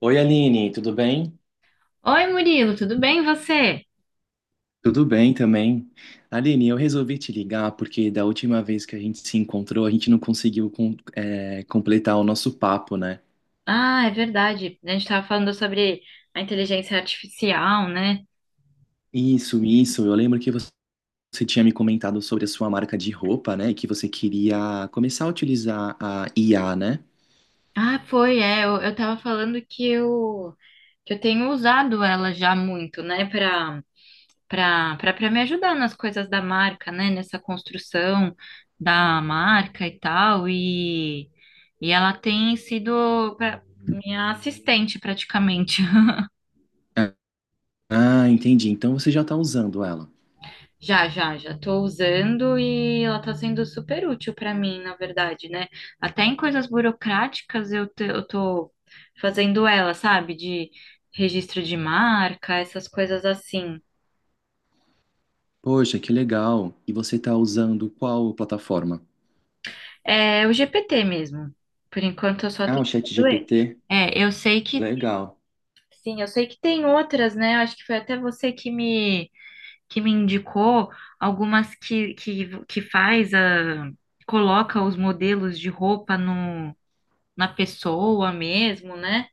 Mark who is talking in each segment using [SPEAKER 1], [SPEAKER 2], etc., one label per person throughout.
[SPEAKER 1] Oi, Aline, tudo bem?
[SPEAKER 2] Oi, Murilo, tudo bem e você?
[SPEAKER 1] Tudo bem também. Aline, eu resolvi te ligar porque da última vez que a gente se encontrou, a gente não conseguiu completar o nosso papo, né?
[SPEAKER 2] Ah, é verdade. A gente estava falando sobre a inteligência artificial, né?
[SPEAKER 1] Isso, isso. Eu lembro que você tinha me comentado sobre a sua marca de roupa, né? E que você queria começar a utilizar a IA, né?
[SPEAKER 2] Ah, foi, é. Eu tava falando que que eu tenho usado ela já muito, né, para para me ajudar nas coisas da marca, né, nessa construção da marca e tal. E ela tem sido minha assistente praticamente.
[SPEAKER 1] Ah, entendi. Então você já está usando ela.
[SPEAKER 2] Já tô usando e ela tá sendo super útil para mim, na verdade, né? Até em coisas burocráticas eu tô fazendo ela, sabe? De registro de marca, essas coisas assim.
[SPEAKER 1] Poxa, que legal. E você está usando qual plataforma?
[SPEAKER 2] É o GPT mesmo. Por enquanto eu só
[SPEAKER 1] Ah, o
[SPEAKER 2] tenho ele.
[SPEAKER 1] ChatGPT.
[SPEAKER 2] É, eu sei que,
[SPEAKER 1] Legal.
[SPEAKER 2] sim, eu sei que tem outras, né? Eu acho que foi até você que me indicou algumas que faz coloca os modelos de roupa no na pessoa mesmo, né?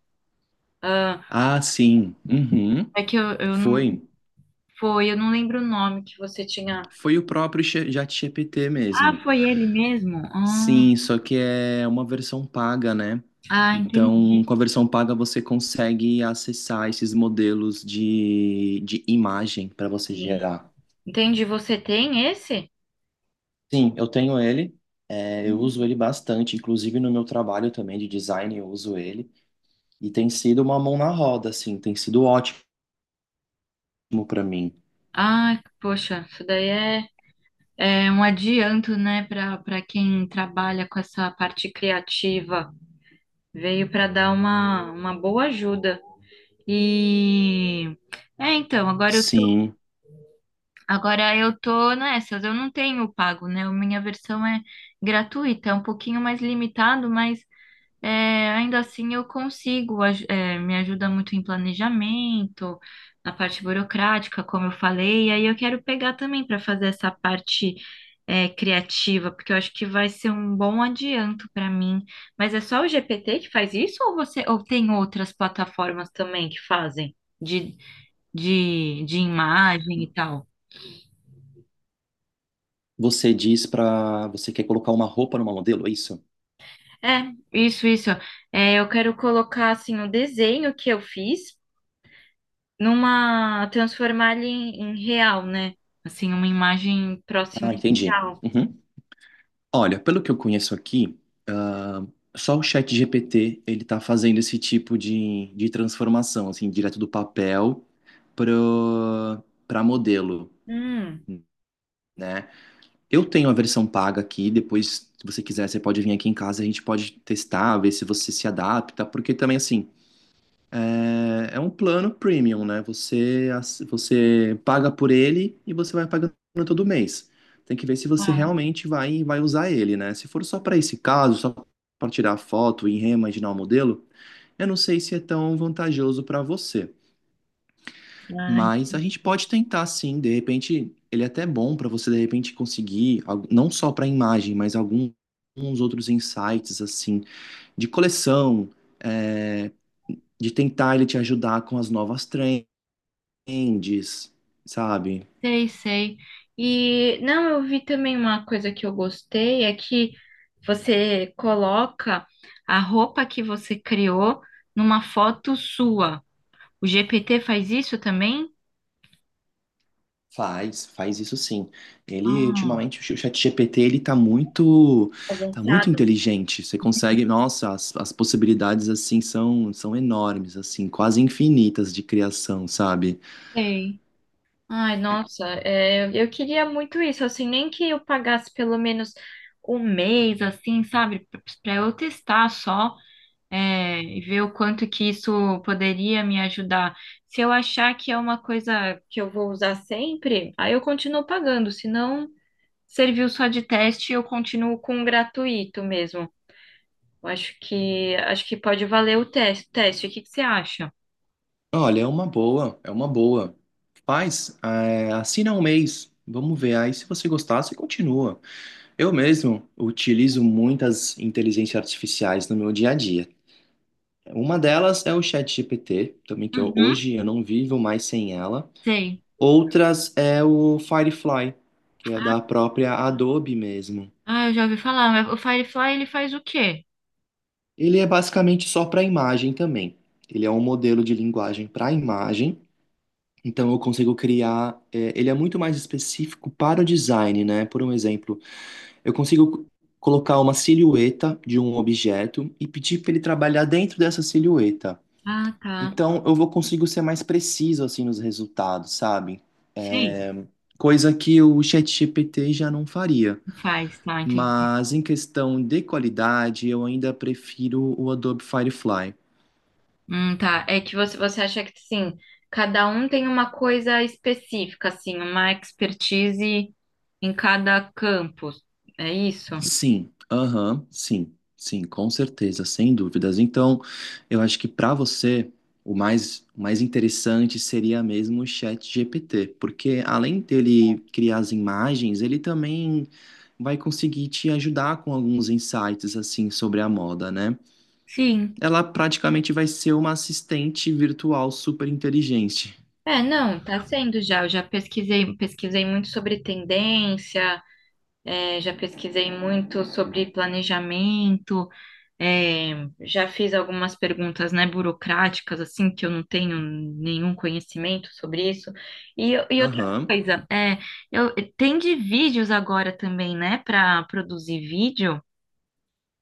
[SPEAKER 2] Ah,
[SPEAKER 1] Ah, sim. Uhum.
[SPEAKER 2] é que eu não
[SPEAKER 1] Foi.
[SPEAKER 2] foi, eu não lembro o nome que você tinha.
[SPEAKER 1] Foi o próprio ChatGPT
[SPEAKER 2] Ah,
[SPEAKER 1] mesmo.
[SPEAKER 2] foi ele mesmo?
[SPEAKER 1] Sim, só que é uma versão paga, né?
[SPEAKER 2] Entendi.
[SPEAKER 1] Então, com a versão paga, você consegue acessar esses modelos de imagem para você gerar.
[SPEAKER 2] Entendi. Você tem esse?
[SPEAKER 1] Sim, eu tenho ele, eu uso
[SPEAKER 2] Hum.
[SPEAKER 1] ele bastante, inclusive no meu trabalho também de design, eu uso ele. E tem sido uma mão na roda, assim, tem sido ótimo para mim.
[SPEAKER 2] Ah, poxa, isso daí é um adianto, né, para quem trabalha com essa parte criativa. Veio para dar uma boa ajuda. E então,
[SPEAKER 1] Sim,
[SPEAKER 2] agora eu tô nessas, eu não tenho pago, né? A minha versão é gratuita, é um pouquinho mais limitado, mas é, ainda assim eu consigo, me ajuda muito em planejamento, na parte burocrática, como eu falei, e aí eu quero pegar também para fazer essa parte criativa, porque eu acho que vai ser um bom adianto para mim. Mas é só o GPT que faz isso ou tem outras plataformas também que fazem de, de imagem e tal?
[SPEAKER 1] você diz para. Você quer colocar uma roupa numa modelo, é isso?
[SPEAKER 2] É, isso, isso. É, eu quero colocar assim o desenho que eu fiz numa transformar ele em real, né? Assim, uma imagem próxima
[SPEAKER 1] Ah,
[SPEAKER 2] do
[SPEAKER 1] entendi.
[SPEAKER 2] real.
[SPEAKER 1] Uhum. Olha, pelo que eu conheço aqui, ah, só o ChatGPT ele tá fazendo esse tipo de transformação, assim, direto do papel pro, para modelo,
[SPEAKER 2] Hum.
[SPEAKER 1] né? Eu tenho a versão paga aqui, depois, se você quiser, você pode vir aqui em casa, a gente pode testar, ver se você se adapta, porque também, assim, é um plano premium, né? Você, você paga por ele e você vai pagando todo mês. Tem que ver se você
[SPEAKER 2] Ah,
[SPEAKER 1] realmente vai usar ele, né? Se for só para esse caso, só para tirar foto e reimaginar o modelo, eu não sei se é tão vantajoso para você.
[SPEAKER 2] ah,
[SPEAKER 1] Mas a gente pode tentar sim, de repente, ele é até bom para você de repente conseguir, não só para imagem, mas alguns outros insights assim, de coleção é, de tentar ele te ajudar com as novas trends, sabe?
[SPEAKER 2] sei, sei. E não, eu vi também uma coisa que eu gostei é que você coloca a roupa que você criou numa foto sua. O GPT faz isso também?
[SPEAKER 1] Faz, faz isso sim. Ele,
[SPEAKER 2] Ah,
[SPEAKER 1] ultimamente, o ChatGPT ele tá muito
[SPEAKER 2] avançado.
[SPEAKER 1] inteligente. Você consegue, nossa, as possibilidades, assim, são enormes, assim, quase infinitas de criação, sabe?
[SPEAKER 2] Sei. Ai, nossa, é, eu queria muito isso, assim, nem que eu pagasse pelo menos um mês, assim, sabe, para eu testar só, é, e ver o quanto que isso poderia me ajudar. Se eu achar que é uma coisa que eu vou usar sempre, aí eu continuo pagando, se não serviu só de teste, eu continuo com o gratuito mesmo. Eu acho acho que pode valer o teste, teste, o que que você acha?
[SPEAKER 1] Olha, é uma boa, é uma boa. Faz, é, assina um mês, vamos ver. Aí, se você gostar, você continua. Eu mesmo utilizo muitas inteligências artificiais no meu dia a dia. Uma delas é o ChatGPT, também que
[SPEAKER 2] Uhum,
[SPEAKER 1] hoje eu não vivo mais sem ela.
[SPEAKER 2] sei.
[SPEAKER 1] Outras é o Firefly, que é da própria Adobe mesmo.
[SPEAKER 2] Ah, eu já ouvi falar, mas o Firefly, ele faz o quê?
[SPEAKER 1] Ele é basicamente só para imagem também. Ele é um modelo de linguagem para imagem. Então eu consigo criar. É, ele é muito mais específico para o design, né? Por um exemplo, eu consigo colocar uma silhueta de um objeto e pedir para ele trabalhar dentro dessa silhueta.
[SPEAKER 2] Ah, tá.
[SPEAKER 1] Então eu vou consigo ser mais preciso assim nos resultados, sabe?
[SPEAKER 2] Sei,
[SPEAKER 1] Coisa que o ChatGPT já não faria.
[SPEAKER 2] faz, tá, entendi.
[SPEAKER 1] Mas em questão de qualidade, eu ainda prefiro o Adobe Firefly.
[SPEAKER 2] Tá. É que você acha que, assim, cada um tem uma coisa específica, assim, uma expertise em cada campo. É isso?
[SPEAKER 1] Sim, aham, sim, sim, com certeza, sem dúvidas. Então, eu acho que para você o mais interessante seria mesmo o ChatGPT, porque além dele criar as imagens, ele também vai conseguir te ajudar com alguns insights assim sobre a moda, né?
[SPEAKER 2] Sim.
[SPEAKER 1] Ela praticamente vai ser uma assistente virtual super inteligente.
[SPEAKER 2] É, não, tá sendo já. Eu já pesquisei, pesquisei muito sobre tendência, é, já pesquisei muito sobre planejamento. É, já fiz algumas perguntas, né, burocráticas, assim, que eu não tenho nenhum conhecimento sobre isso. E outra
[SPEAKER 1] Aham.
[SPEAKER 2] coisa, é, eu, tem de vídeos agora também, né, para produzir vídeo?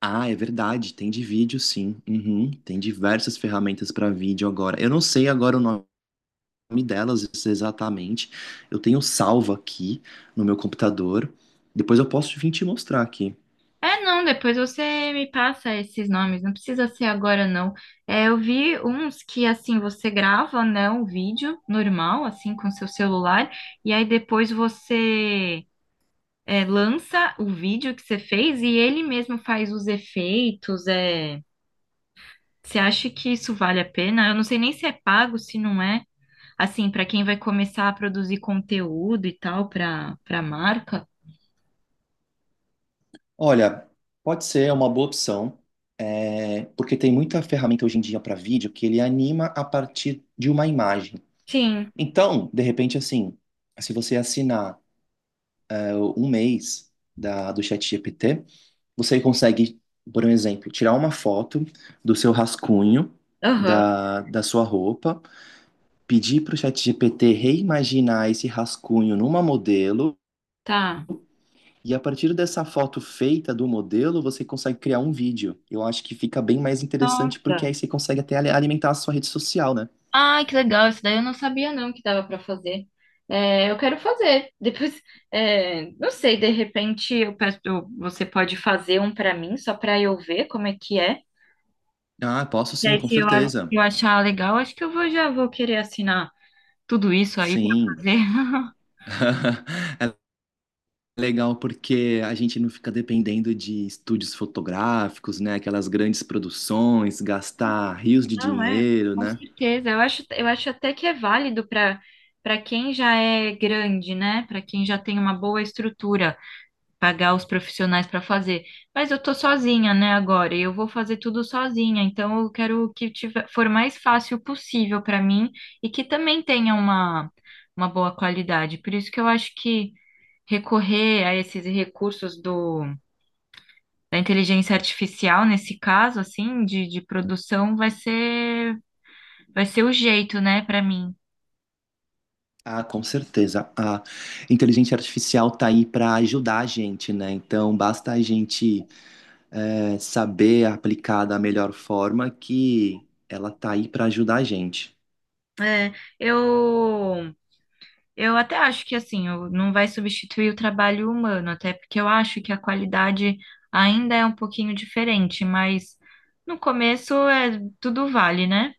[SPEAKER 1] Ah, é verdade, tem de vídeo, sim. Uhum. Tem diversas ferramentas para vídeo agora. Eu não sei agora o nome delas exatamente. Eu tenho salvo aqui no meu computador. Depois eu posso vir te mostrar aqui.
[SPEAKER 2] É, não, depois você me passa esses nomes, não precisa ser agora, não. É, eu vi uns que, assim, você grava, né, um vídeo normal, assim, com seu celular, e aí depois lança o vídeo que você fez e ele mesmo faz os efeitos. Você acha que isso vale a pena? Eu não sei nem se é pago, se não é. Assim, para quem vai começar a produzir conteúdo e tal para marca.
[SPEAKER 1] Olha, pode ser é uma boa opção, é, porque tem muita ferramenta hoje em dia para vídeo que ele anima a partir de uma imagem.
[SPEAKER 2] Sim.
[SPEAKER 1] Então, de repente, assim, se você assinar um mês do ChatGPT, você consegue, por um exemplo, tirar uma foto do seu rascunho,
[SPEAKER 2] Aham.
[SPEAKER 1] da sua roupa, pedir para o ChatGPT reimaginar esse rascunho numa modelo,
[SPEAKER 2] Tá.
[SPEAKER 1] e a partir dessa foto feita do modelo, você consegue criar um vídeo. Eu acho que fica bem mais interessante, porque aí
[SPEAKER 2] Nossa.
[SPEAKER 1] você consegue até alimentar a sua rede social, né?
[SPEAKER 2] Ai, que legal. Isso daí eu não sabia não que dava para fazer. É, eu quero fazer. Depois, é, não sei, de repente você pode fazer um para mim, só para eu ver como é que é.
[SPEAKER 1] Ah, posso
[SPEAKER 2] E
[SPEAKER 1] sim,
[SPEAKER 2] aí,
[SPEAKER 1] com
[SPEAKER 2] se
[SPEAKER 1] certeza.
[SPEAKER 2] eu achar legal, acho que já vou querer assinar tudo isso aí para
[SPEAKER 1] Sim.
[SPEAKER 2] fazer.
[SPEAKER 1] Legal porque a gente não fica dependendo de estúdios fotográficos, né? Aquelas grandes produções, gastar rios de
[SPEAKER 2] Não, é,
[SPEAKER 1] dinheiro,
[SPEAKER 2] com
[SPEAKER 1] né?
[SPEAKER 2] certeza. Eu acho até que é válido para quem já é grande, né? Para quem já tem uma boa estrutura, pagar os profissionais para fazer. Mas eu tô sozinha, né, agora, e eu vou fazer tudo sozinha, então eu quero que tiver, for mais fácil possível para mim e que também tenha uma boa qualidade. Por isso que eu acho que recorrer a esses recursos do da inteligência artificial nesse caso, assim, de produção, vai ser o jeito, né, para mim.
[SPEAKER 1] Ah, com certeza. A inteligência artificial tá aí para ajudar a gente, né? Então basta a gente saber aplicar da melhor forma que ela tá aí para ajudar a gente.
[SPEAKER 2] É, eu, eu até acho que, assim, não vai substituir o trabalho humano, até porque eu acho que a qualidade ainda é um pouquinho diferente, mas no começo é, tudo vale, né?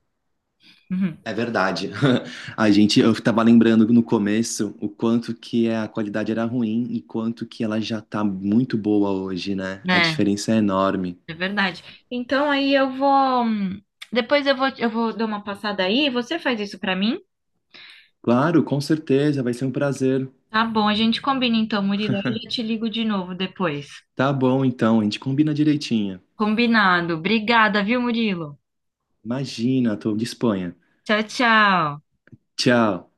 [SPEAKER 2] Uhum.
[SPEAKER 1] É verdade. A gente, eu estava lembrando no começo o quanto que a qualidade era ruim e quanto que ela já tá muito boa hoje, né? A
[SPEAKER 2] É,
[SPEAKER 1] diferença é enorme.
[SPEAKER 2] é verdade. Então aí eu vou. Depois eu vou dar uma passada aí. Você faz isso para mim?
[SPEAKER 1] Claro, com certeza, vai ser um prazer.
[SPEAKER 2] Tá bom, a gente combina então, Murilo. Eu já te ligo de novo depois.
[SPEAKER 1] Tá bom, então, a gente combina direitinho.
[SPEAKER 2] Combinado. Obrigada, viu, Murilo?
[SPEAKER 1] Imagina, tô de Espanha.
[SPEAKER 2] Tchau, tchau.
[SPEAKER 1] Tchau.